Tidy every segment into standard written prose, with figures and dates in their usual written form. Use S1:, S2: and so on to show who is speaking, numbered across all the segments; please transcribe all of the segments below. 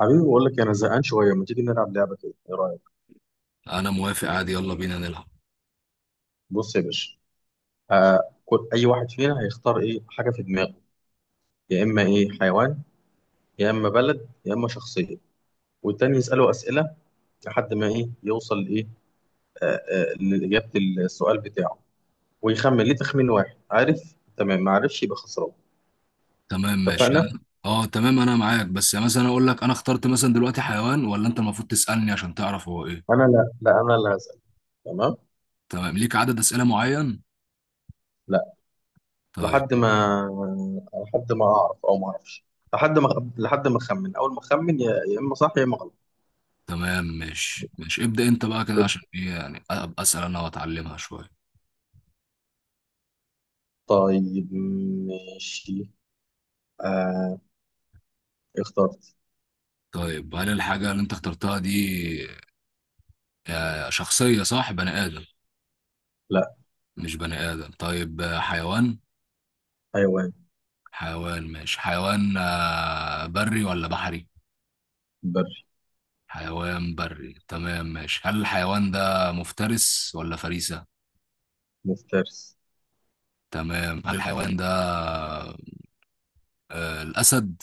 S1: حبيبي بقول لك انا زهقان شويه، ما تيجي نلعب لعبه كده؟ ايه رايك؟
S2: انا موافق عادي، يلا بينا نلعب.
S1: بص يا باشا، آه كل اي واحد فينا هيختار ايه حاجه في دماغه، يا اما ايه حيوان، يا اما بلد، يا اما شخصيه، والتاني يساله اسئله لحد ما ايه يوصل ايه لاجابه السؤال بتاعه، ويخمن ليه تخمين واحد. عارف؟ تمام، ما عرفش يبقى خسران.
S2: تمام ماشي
S1: اتفقنا.
S2: اه تمام انا معاك، بس يعني مثلا اقول لك انا اخترت مثلا دلوقتي حيوان، ولا انت المفروض تسألني عشان تعرف هو ايه؟
S1: انا لا، انا اللي هسال. تمام.
S2: تمام، ليك عدد أسئلة معين؟
S1: لا.
S2: طيب.
S1: لحد ما لحد ما اعرف او ما اعرفش، لحد ما، لحد ما اخمن. اول ما اخمن يا اما صح يا اما غلط.
S2: تمام ماشي ابدأ انت بقى كده، عشان ايه يعني ابقى أسأل انا واتعلمها شوية.
S1: طيب، ماشي، آه، اخترت.
S2: طيب، هل الحاجة اللي انت اخترتها دي شخصية؟ صح، بني آدم؟
S1: لا.
S2: مش بني آدم؟ طيب حيوان.
S1: حيوان
S2: حيوان ماشي، حيوان بري ولا بحري؟
S1: بري
S2: حيوان بري، تمام ماشي. هل الحيوان ده مفترس ولا فريسة؟
S1: مفترس.
S2: تمام، هل الحيوان ده الأسد؟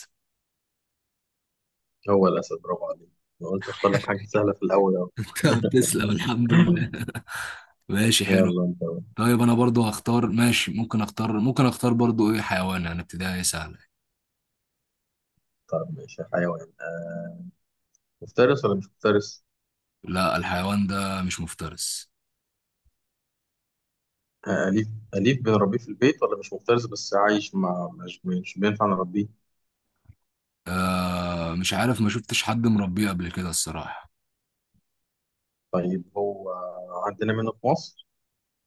S1: هو الأسد؟ برافو عليك، أنا قلت أختار لك حاجة سهلة في الأول أهو.
S2: تمام، تسلم، الحمد لله. ماشي، حلو.
S1: يلا أنت بقى.
S2: طيب أنا برضو هختار، ماشي. ممكن أختار، ممكن أختار برضو إيه، حيوان يعني ابتدائي سهلة.
S1: طيب ماشي، حيوان، آه، مفترس ولا مش مفترس؟
S2: لا الحيوان ده مش مفترس.
S1: آه أليف، أليف بنربيه في البيت، ولا مش مفترس بس عايش مع مش بينفع نربيه؟
S2: آه مش عارف، ما شفتش حد مربيه قبل كده الصراحة.
S1: طيب هو عندنا منه في مصر؟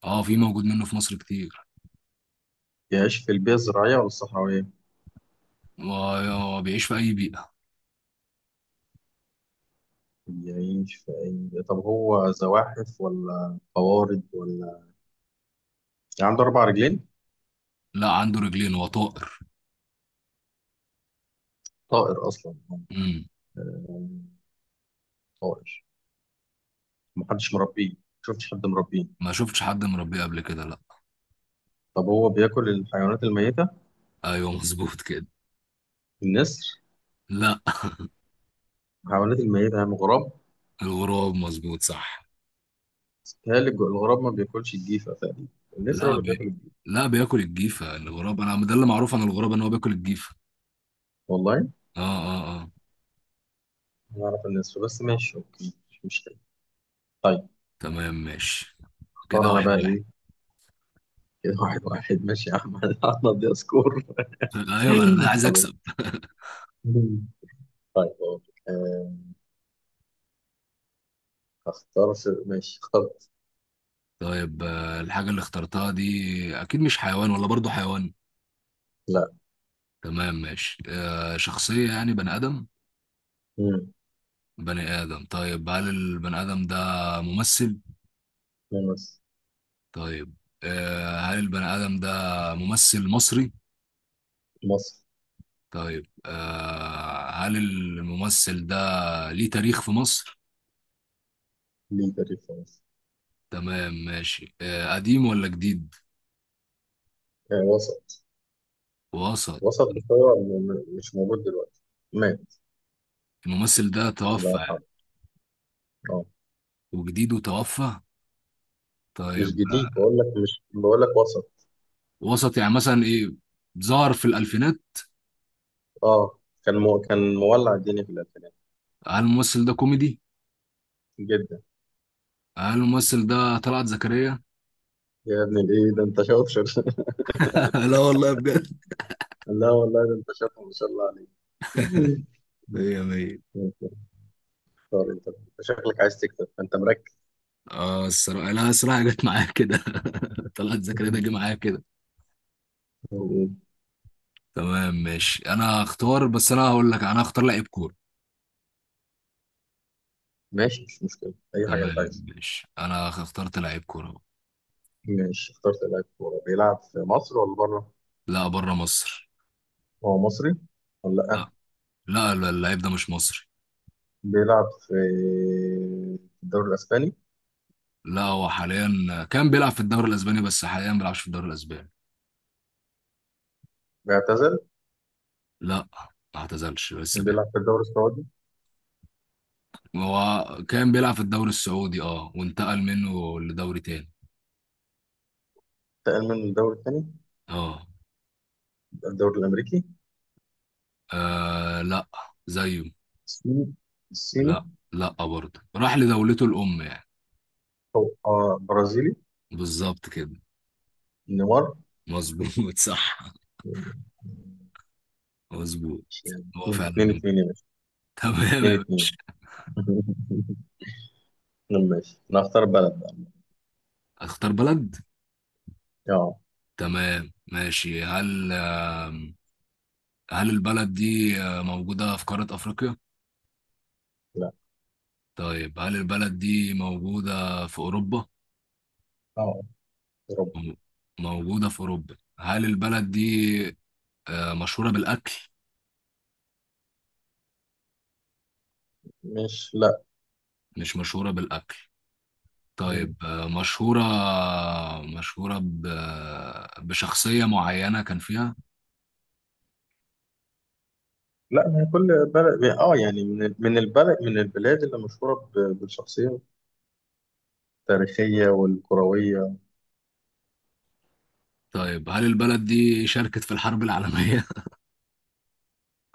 S2: اه، في موجود منه في مصر كتير.
S1: يعيش في البيئة الزراعية ولا الصحراوية؟
S2: وبيعيش في أي بيئة.
S1: يعيش في أي، طب هو زواحف ولا قوارض ولا، يعني عنده أربع رجلين؟
S2: لا، عنده رجلين وطائر.
S1: طائر اصلا هو؟
S2: امم
S1: طائر، محدش مربيه، شفتش حد مربيه.
S2: ما شفتش حد مربيه قبل كده لا.
S1: طب هو بياكل الحيوانات الميته؟
S2: ايوه مظبوط كده.
S1: النسر؟
S2: لا.
S1: الحيوانات الميته يعني غراب؟
S2: الغراب مظبوط صح.
S1: بيتهيألي الغراب ما بياكلش الجيفه تقريبا، النسر هو
S2: لا
S1: اللي بياكل
S2: بي...
S1: الجيفه.
S2: لا بياكل الجيفه الغراب، انا ده اللي معروف عن الغراب، ان هو بياكل الجيفه.
S1: والله؟
S2: اه.
S1: أنا اعرف النسر، بس ماشي اوكي مش مشكله. طيب،
S2: تمام ماشي.
S1: اختار
S2: كده
S1: انا
S2: واحد
S1: بقى
S2: واحد.
S1: ايه. كده واحد واحد. ماشي يا احمد. احمد دي سكور.
S2: ايوه انا عايز
S1: خلاص.
S2: اكسب.
S1: طيب أقول لك. آه، اختار ماشي، اخترت.
S2: طيب الحاجه اللي اخترتها دي اكيد مش حيوان، ولا برضو حيوان؟
S1: لا.
S2: تمام ماشي، آه شخصيه يعني بني ادم؟
S1: مم.
S2: بني ادم، طيب هل البني ادم ده ممثل؟
S1: مصر.
S2: طيب، آه هل البني ادم ده ممثل مصري؟
S1: مصر.
S2: طيب آه، هل الممثل ده ليه تاريخ في مصر؟
S1: ليه تاريخ في مصر.
S2: تمام ماشي، آه قديم ولا جديد؟
S1: آه، وسط.
S2: وسط.
S1: وسط بس هو مش موجود دلوقتي، مات،
S2: الممثل ده
S1: الله
S2: توفى يعني،
S1: يرحمه. اه
S2: وجديد وتوفى؟
S1: مش
S2: طيب
S1: جديد،
S2: آه،
S1: بقول لك مش، بقول لك وسط.
S2: وسط يعني مثلا ايه؟ ظهر في الألفينات.
S1: اه كان كان مولع الدنيا في الألفينات.
S2: هل الممثل ده كوميدي؟
S1: جدا.
S2: هل الممثل ده طلعت زكريا؟
S1: يا ابن الايه ده، انت شاطر.
S2: لا والله بجد.
S1: لا والله ده انت شاطر، ما شاء الله عليك.
S2: مية مية.
S1: طار. انت أنت شكلك عايز تكتب، انت مركز.
S2: اه الصراحة، لا الصراحة جت معايا كده. طلعت زكريا ده جه معايا كده. تمام ماشي، انا هختار. بس انا هقول لك، انا هختار لعيب كورة.
S1: ماشي مش مشكلة، أي حاجة أنت
S2: تمام
S1: عايزها.
S2: ماشي، انا اخترت لعيب كوره أهو.
S1: ماشي، اخترت لاعب كورة. بيلعب في مصر ولا بره؟
S2: لا بره مصر.
S1: هو مصري ولا لأ؟
S2: لا، اللعيب ده مش مصري.
S1: بيلعب في الدوري الأسباني؟
S2: لا هو حاليا كان بيلعب في الدوري الاسباني، بس حاليا ما بيلعبش في الدوري الاسباني.
S1: بيعتزل؟
S2: لا، ما اعتزلش لسه بيلعب.
S1: بيلعب في الدوري السعودي؟
S2: هو كان بيلعب في الدوري السعودي، اه وانتقل منه لدوري تاني.
S1: انتقل من الدوري الثاني.
S2: اه.
S1: الدوري الامريكي؟
S2: آه، لا. زيه.
S1: الصيني؟ الصيني؟
S2: لا، لا برضه راح لدولته الام يعني.
S1: او آه برازيلي.
S2: بالظبط كده.
S1: نيمار.
S2: مظبوط صح
S1: ماشي
S2: مظبوط.
S1: يعني،
S2: هو فعلا
S1: اتنين
S2: نمر.
S1: اتنين يا باشا،
S2: تمام
S1: اتنين
S2: يا باشا.
S1: اتنين ماشي، انا هختار بلد بقى.
S2: اختار بلد.
S1: اه.
S2: تمام ماشي، هل آم، هل البلد دي موجودة في قارة أفريقيا؟
S1: لا.
S2: طيب، هل البلد دي موجودة في أوروبا؟
S1: اه، يا رب.
S2: مو- موجودة في أوروبا. هل البلد دي مشهورة بالأكل؟
S1: مش، لا.
S2: مش مشهورة بالأكل. طيب مشهورة، مشهورة ب... بشخصية معينة كان فيها؟
S1: لا ما هي كل بلد، اه يعني، من البلد، من البلاد اللي مشهوره بالشخصيه التاريخيه والكرويه.
S2: طيب هل البلد دي شاركت في الحرب العالمية؟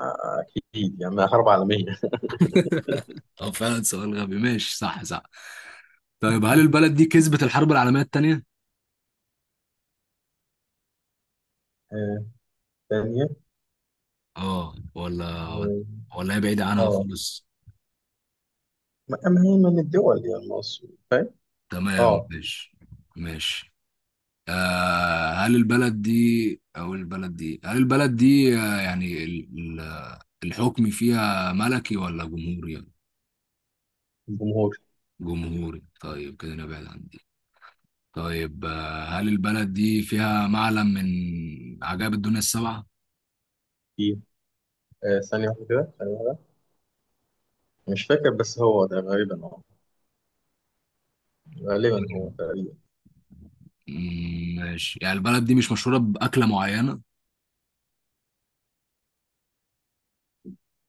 S1: آه، اكيد يعني، حرب عالميه.
S2: أو فعلا سؤال غبي، ماشي صح صح. طيب هل البلد دي كسبت الحرب العالمية التانية؟
S1: آه، ثانيه.
S2: اه ولا
S1: اه.
S2: ولا هي بعيدة عنها
S1: آه.
S2: خالص؟
S1: ما هي من الدول، يعني مصر فاهم.
S2: تمام
S1: اه.
S2: ماشي، ماشي. آه هل البلد دي هل البلد دي آه يعني ال- الحكم فيها ملكي ولا جمهوري؟
S1: الجمهور.
S2: جمهوري، طيب كده نبعد عن دي. طيب آه هل البلد دي فيها معلم من عجائب الدنيا السبعة؟
S1: في، آه ثانية واحدة كده، ثانية واحدة. مش فاكر، بس هو ده غالبا، اه، غالبا، هو
S2: طيب،
S1: تقريبا.
S2: ماشي، يعني البلد دي مش مشهورة بأكلة معينة.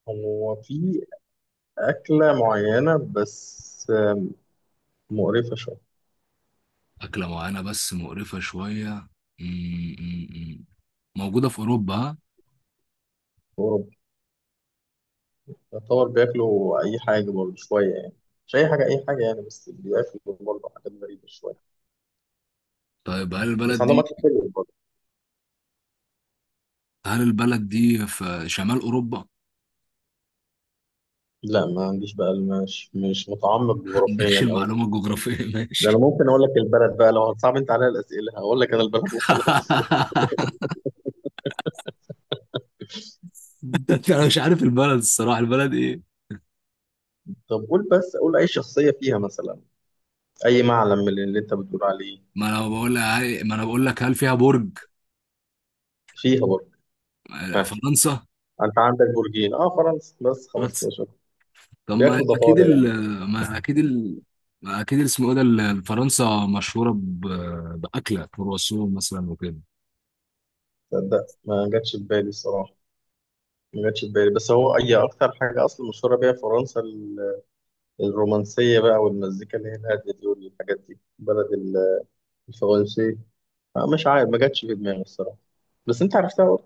S1: هو في أكلة معينة بس، آه، مقرفة شوية.
S2: أكلة معينة بس مقرفة شوية. مم، مم، مم. موجودة في أوروبا، ها؟
S1: في أوروبا، يعتبر بياكلوا أي حاجة برضه شوية يعني، مش أي حاجة أي حاجة يعني، بس بياكلوا برضه حاجات غريبة شوية.
S2: طيب هل
S1: بس
S2: البلد
S1: عندهم
S2: دي
S1: أكل حلو برضه.
S2: في شمال أوروبا؟
S1: لا ما عنديش بقى، مش مش متعمق
S2: ما عندكش
S1: جغرافيا أوي كده.
S2: المعلومة الجغرافية
S1: ده أنا
S2: ماشي.
S1: ممكن أقول لك البلد بقى، لو هتصعب أنت عليا الأسئلة هقول لك أنا البلد وخلاص.
S2: أنا مش عارف البلد الصراحة، البلد إيه؟
S1: طب قول بس، قول أي شخصية فيها مثلا، أي معلم من اللي أنت بتقول عليه.
S2: ما أنا بقول لك ما أنا بقول لك، هل فيها برج؟
S1: فيها برج. ها؟
S2: فرنسا؟
S1: أنت عندك برجين. أه فرنسا، بس خلاص كده،
S2: بس.
S1: شكرا.
S2: طب ما
S1: بياكلوا
S2: أكيد
S1: ضفادع
S2: ال
S1: يعني.
S2: ما أكيد ال ما أكيد اسمه إيه ده فرنسا مشهورة بأكلة كرواسون مثلا وكده.
S1: تصدق ما جاتش في بالي الصراحة، ما جاتش في بالي، بس هو أي أكتر حاجة أصلا مشهورة بيها فرنسا الرومانسية بقى، والمزيكا اللي هي الهادية دي والحاجات دي، بلد الفرنسي. آه، مش عارف، ما جاتش في دماغي الصراحة. بس أنت عرفتها برضه.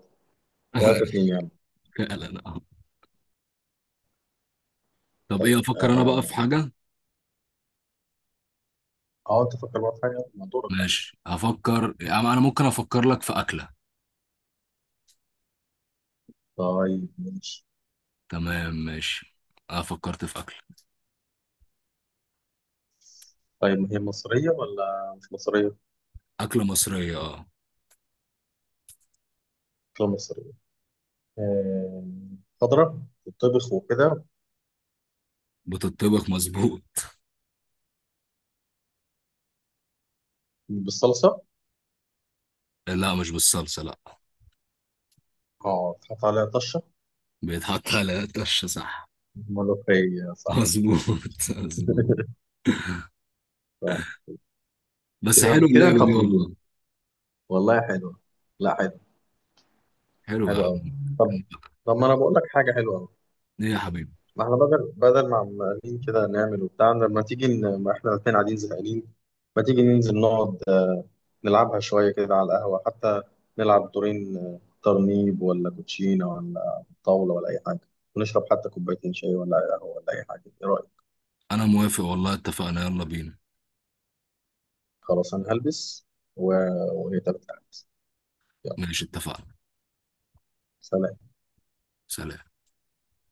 S1: 3-2 يعني.
S2: فعلا آه. طب ايه، افكر انا بقى
S1: أه.
S2: في حاجة.
S1: آه، أنت فكر بقى في حاجة، ما دورك بقى.
S2: ماشي افكر انا، أنا ممكن افكر لك في اكلة.
S1: طيب ماشي.
S2: تمام ماشي، انا فكرت في اكلة.
S1: طيب ما هي مصرية ولا مش مصرية؟
S2: اكلة مصرية اه.
S1: لا مصرية. آه، خضرة، تطبخ وكده.
S2: بتطبخ مظبوط.
S1: بالصلصة.
S2: لا مش بالصلصة لا.
S1: اه تحط عليها طشة.
S2: بيتحط على الطشة صح.
S1: ملوخية يا صاحبي.
S2: مظبوط مظبوط.
S1: ف-
S2: بس
S1: كده
S2: حلو
S1: كده انت
S2: اللعبة دي
S1: مظبوط،
S2: والله.
S1: والله حلوة، لا حلو،
S2: حلو يا
S1: حلو قوي. طب،
S2: عم.
S1: طب ما انا بقول لك حاجة حلوة قوي.
S2: ايه يا حبيبي.
S1: ما احنا بدل ما عمالين كده نعمل وبتاع، لما تيجي ما احنا الاثنين قاعدين زهقانين، ما تيجي ننزل نقعد نلعبها شوية كده على القهوة حتى، نلعب دورين، آه، ترنيب ولا كوتشينة ولا طاولة ولا أي حاجة، ونشرب حتى كوبايتين شاي ولا قهوة ولا أي حاجة، إيه رأيك؟
S2: انا موافق والله، اتفقنا يلا بينا.
S1: خلاص أنا هلبس و... وهي 3 ساعات. يلا.
S2: ماشي اتفقنا.
S1: سلام.
S2: سلام.